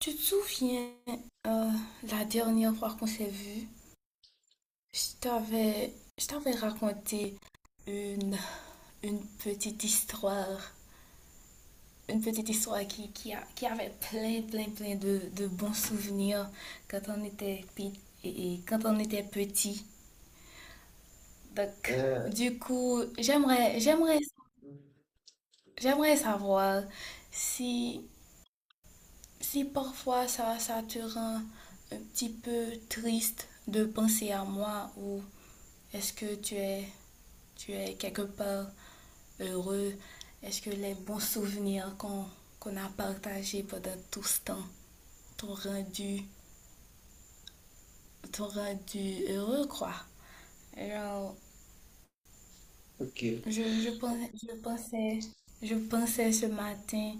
Tu te souviens, euh, la dernière fois qu'on s'est vu, je t'avais, je t'avais raconté une, une petite histoire, une petite histoire qui avait plein de bons souvenirs quand et quand on était petit. Donc, Euh, du coup, j'aimerais savoir si, si parfois ça te rend un petit peu triste de penser à moi, ou est-ce que tu es quelque part heureux? Est-ce que les bons souvenirs qu'on a partagés pendant tout ce temps t'ont rendu, t'ont rendu heureux, quoi? Alors, OK. Je, je, pensais, je, pensais, je pensais ce matin,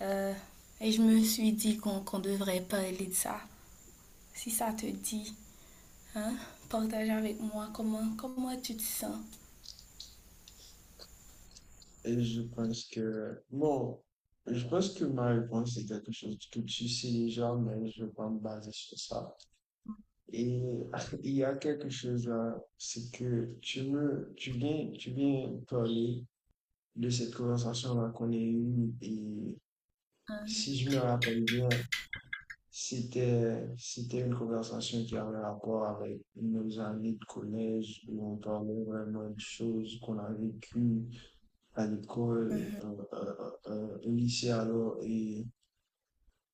euh, et je me suis dit qu'on devrait parler de ça. Si ça te dit, hein, partage avec moi comment tu te sens. je pense que, bon, je pense que ma réponse est quelque chose que tu sais déjà, mais je vais pas me baser sur ça. Et il y a quelque chose là, c'est que tu viens parler de cette conversation-là qu'on a eue, et si Hein. je me rappelle bien, c'était une conversation qui avait rapport avec nos années de collège, où on parlait vraiment de choses qu'on a vécues à l'école, Mhm. Au lycée alors,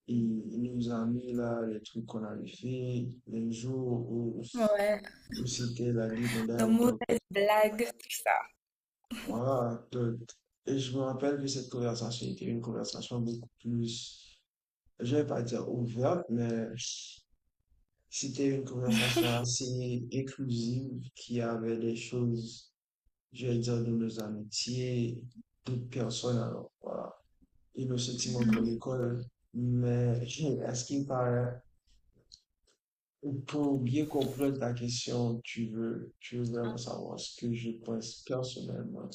et il nous a mis là les trucs qu'on avait fait, les jours Ouais, où c'était la nos limonade, donc mauvaises blagues, tout ça. voilà, donc, Et je me rappelle que cette conversation était une conversation beaucoup plus, je vais pas dire ouverte, mais c'était une conversation assez inclusive qui avait des choses, je vais dire, de nos amitiés, d'autres personnes alors, voilà. E no sentiment pour Mhm. l'école, mais à ce qui me paraît, pour bien comprendre ta question, tu veux vraiment savoir ce que je pense personnellement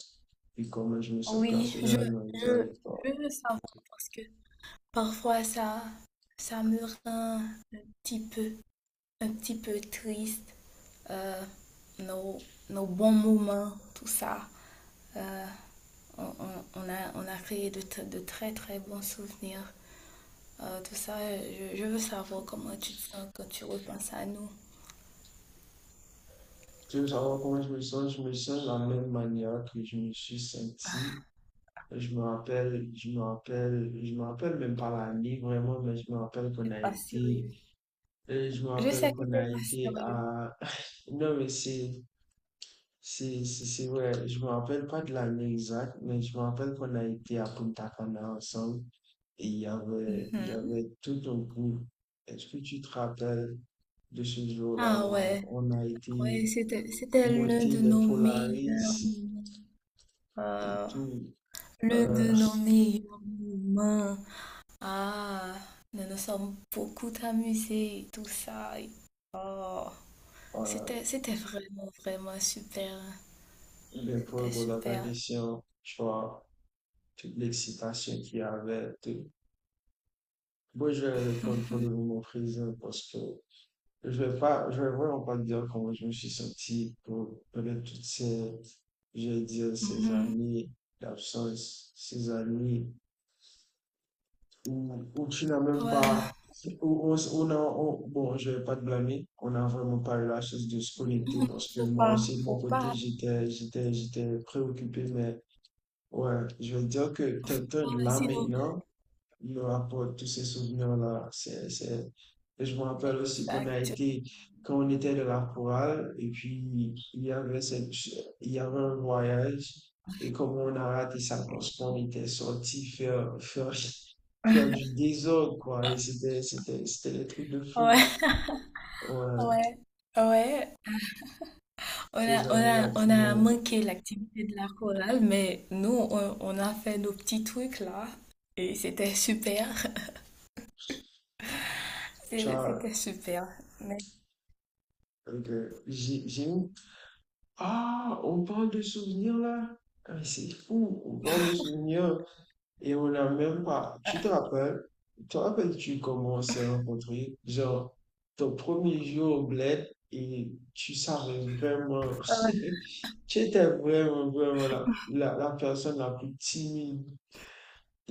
et comment je me sens Oui, personnellement vis-à-vis je, de toi. je veux savoir parce que parfois ça me rend un petit un petit peu triste. euh, nos, nos bons moments, tout ça. Euh, on a créé de très très bons souvenirs. Tout ça, je veux savoir comment tu te sens quand tu repenses à nous. Tu veux savoir comment je me sens? Je me sens de la même manière que je me suis senti. Je me rappelle même pas l'année vraiment, mais je me rappelle T'es qu'on a pas été, sérieux. Je me Je rappelle sais que qu'on t'es a pas été sérieux. à, non mais c'est vrai, je me rappelle pas de l'année exacte, mais je me rappelle qu'on a été à Punta Cana ensemble et il y Mhm. avait tout un groupe. Est-ce que tu te rappelles de ce jour-là Ah où ouais, on a été ouais, c'était l'un monter de les nos meilleurs Polaris moments. et Euh, tout? Le euh, de nos meilleurs moments. Ah, nous nous sommes beaucoup amusés, et tout ça. Et- oh, c'était vraiment, vraiment super. le C'était propos dans ta super. question, tu vois, toute l'excitation qu'il y avait, tout. Moi, je vais répondre pour le moment présent parce que je vais vraiment pas te dire comment je me suis senti pour toutes ces, je vais dire, ces Mhm. années d'absence, ces années où, où tu n'as même Ouais, pas, où bon, je vais pas te blâmer, on n'a vraiment pas eu la chance de se connecter parce que moi aussi, de mon faut côté, pas, j'étais préoccupé, mais ouais, je veux dire que quelqu'un de pas, là sinon. maintenant me rapporte tous ces souvenirs-là. C'est... Je me rappelle aussi qu'on a Exact. été, quand on était de la chorale, et puis il y avait cette, il y avait un voyage, et comment on a raté ça parce qu'on était sorti faire du désordre, quoi. Et c'était des trucs de Ouais, fou. Ouais, ouais, ouais. Ces années-là qui On a vont. manqué l'activité de la chorale, mais nous, on a fait nos petits trucs là. Et c'était super. Tu C'est- vois, c'était super. Mais, donc, j'ai eu... Ah, on parle de souvenirs là? Ah, mais c'est fou, on parle de souvenirs et on n'a même pas. Tu te rappelles? Te rappelles-tu comment on s'est rencontrés? Genre, ton premier jour au bled et tu savais vraiment. ouais. Tu étais vraiment, vraiment la personne la plus timide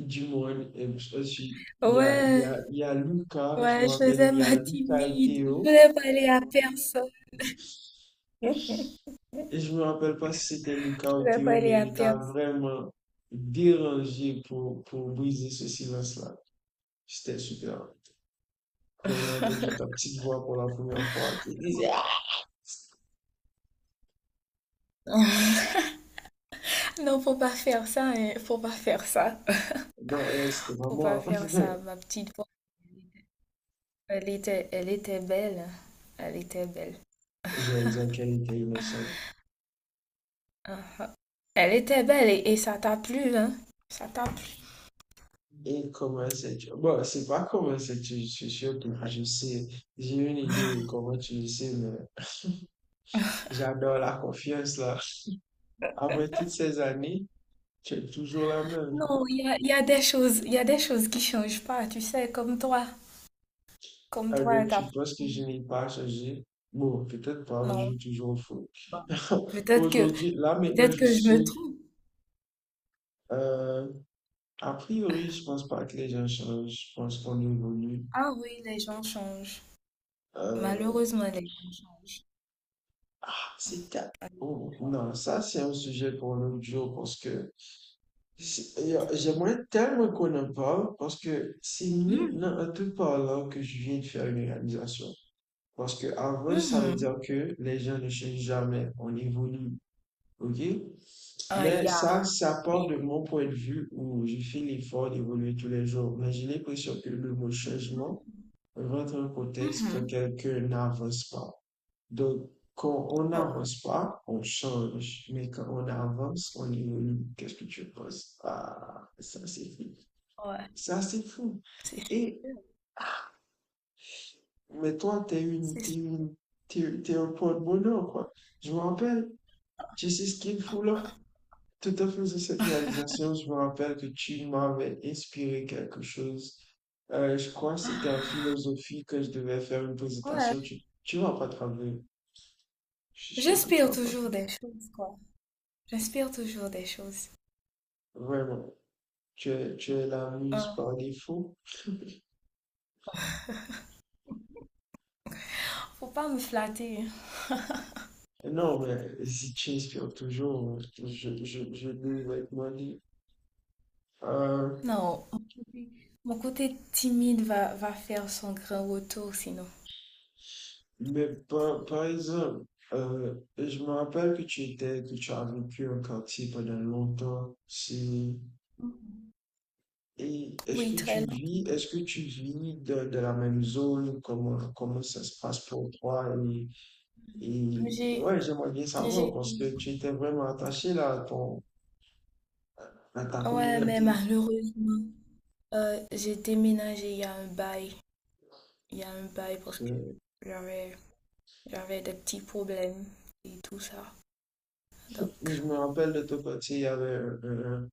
du monde. Et je suis, Ouais, il y a Lucas, je me ouais, je rappelle, faisais il y a ma Lucas et timide. Je Théo. voulais pas aller à personne. Je Et je me rappelle pas si c'était Lucas ou voulais pas Théo, aller mais à il t'a personne. vraiment dérangé pour briser ce silence-là. C'était super. Quand on a entendu ta petite voix pour la première fois qui disait ah! Non, faut pas faire ça, hein. Faut pas faire ça. Non, elle, c'était pas Faut pas moi. faire ça, ma petite voix. Elle était belle, hein. Elle était belle. Je vais dire qu'elle était innocente. Ah. Elle était belle et ça t'a plu, hein? Ça t'a plu. Et comment sais-tu? Bon, c'est pas comment sais-tu, je suis sûr que je sais. J'ai une idée de comment tu le sais, mais j'adore la confiance là. Après toutes ces années, tu es toujours la même. Non, il y a des choses, il y a des choses qui changent pas, tu sais, comme toi. Comme toi, Alors, elle t'a tu pas penses que changé. je n'ai pas changé? Bon, peut-être pas, je Non. joue toujours au foot. Bon. Peut-être que, Aujourd'hui, là maintenant, peut-être je que je me saute. trompe. Euh, A priori, je pense pas que les gens changent. Je pense qu'on évolue. Ah oui, les gens changent. Euh, Malheureusement, les gens changent. C'est ta-... Ah, les gens Oh, changent. non, ça, c'est un sujet pour l'autre jour parce que j'aimerais tellement qu'on en parle parce que c'est maintenant Mhm. en te parlant que je viens de faire une réalisation. Parce que avant, ça veut dire Mhm. que les gens ne changent jamais. On évolue. OK? Mais Yeah. ça part Yeah. de mon point de vue où je fais l'effort d'évoluer tous les jours. Mais j'ai l'impression que le mot changement rentre en contexte quand Mhm. quelqu'un n'avance pas. Donc, quand on Ouais. n'avance pas, on change. Mais quand on avance, on évolue. Qu'est-ce que tu penses? Ah, ça c'est fou. Ouais. Ça c'est fou. C'est sûr. Et, mais toi, C'est sûr. T'es un point de bonheur, quoi. Je me rappelle, tu sais ce qu'il faut là? Tout à fait, c'est cette réalisation, je me rappelle que tu m'avais inspiré quelque chose. Je crois que c'était en philosophie que je devais faire une Ouais. présentation. Tu vas pas travailler. Je suis sûr que tu J'espère vas pas. toujours des choses, quoi. J'espère toujours des choses. Vraiment. Tu es la muse Hein. par défaut. Faut pas me flatter. Non, mais si tu inspires toujours, je nous vais te demander. Euh, Non. Mon côté timide va faire son grand retour, sinon. Par exemple, je me rappelle que tu étais, que tu as vécu un quartier pendant longtemps. C'est... Mhm. Et est-ce Oui, que tu très long. vis, est-ce que tu vis de la même zone? Comment ça se passe pour toi? Et J'ai, ouais, j'aimerais bien savoir j'ai, parce que tu étais vraiment attaché là à ton, à ta ouais, mais communauté. malheureusement. J'ai déménagé il y a un bail, il y a un bail Parce parce que que... j'avais j'avais des petits problèmes et tout ça. Je Donc, me rappelle de ton côté, il y avait,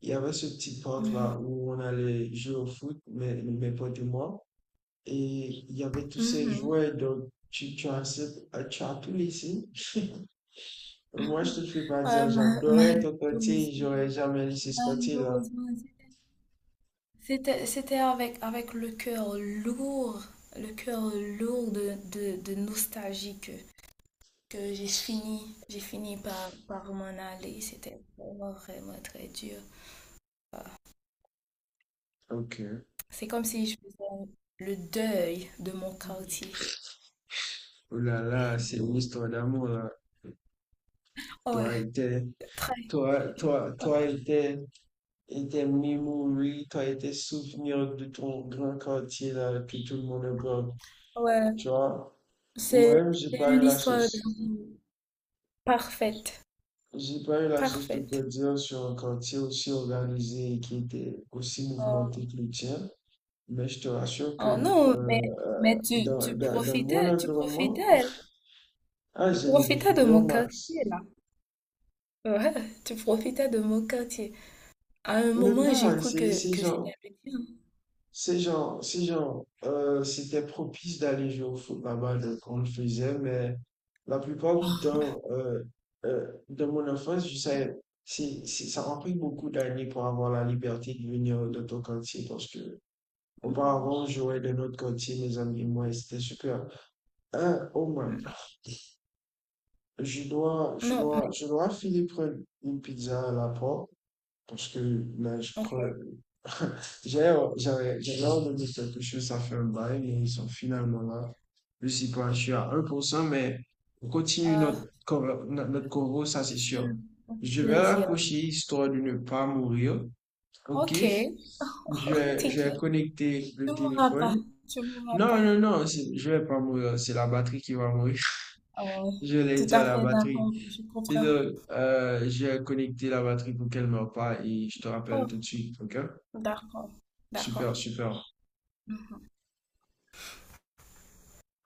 il y avait ce petit parc là mhm, où on allait jouer au foot, mes potes et moi. Et il y avait tous ces mhm. jouets, donc tu as tout laissé. Moi, je te fais pas dire, Ouais, j'adorais ton côté, j'aurais jamais laissé ce côté-là. malheureusement, c'était avec le cœur lourd de nostalgie que, j'ai fini par m'en aller. C'était vraiment vraiment très dur. OK. C'est comme si je faisais le deuil de mon quartier. Oh là là, c'est une histoire d'amour, là. Ouais, Toi et tes, très. Toi et tes memories, toi et tes souvenirs de ton grand quartier, là, que tout le monde aime. Ouais, Tu vois, c'est moi-même, j'ai c'est pas une eu la histoire chance. d'amour parfaite, J'ai pas eu la chance de parfaite. grandir sur un quartier aussi organisé et qui était aussi Oh, mouvementé que le tien. Mais je te rassure que oh non, euh, mais, mais tu, tu dans mon profitais, tu environnement, profitais, ah, tu j'en ai profitais de profité au mon quartier max. là. Ouais, tu profitais de mon quartier. À un Mais moment, j'ai pareil, cru que c'était le tien. C'est genre, c'était propice d'aller jouer au foot là-bas, donc on le faisait, mais la plupart du temps, dans mon enfance, je savais, ça m'a pris beaucoup d'années pour avoir la liberté de venir dans ton quartier parce que auparavant, on jouait dans notre quartier, mes amis et moi, et c'était super. Un, au moins. Mm. Non, mais Je dois finir prendre une pizza à la porte parce que là, je ok. crois, j'avais ordonné quelque chose, ça fait un bail, mais ils sont finalement là. Je sais pas, je suis à 1%, mais on continue Ah, notre corps, ça c'est c'est sûr. un Je vais plaisir. raccrocher histoire de ne pas mourir. OK? Ok, Je vais t'inquiète. connecter Tu le mourras pas, téléphone. tu mourras Non, pas. non, non, c'est- je vais pas mourir, c'est la batterie qui va mourir. Ah ouais, Je l'ai tout dit à à la fait batterie. d'accord, je Et comprends. donc, j'ai connecté la batterie pour qu'elle ne meure pas et je te rappelle Oh, tout de suite, OK? d'accord, d'accord. Super, super. Mhm.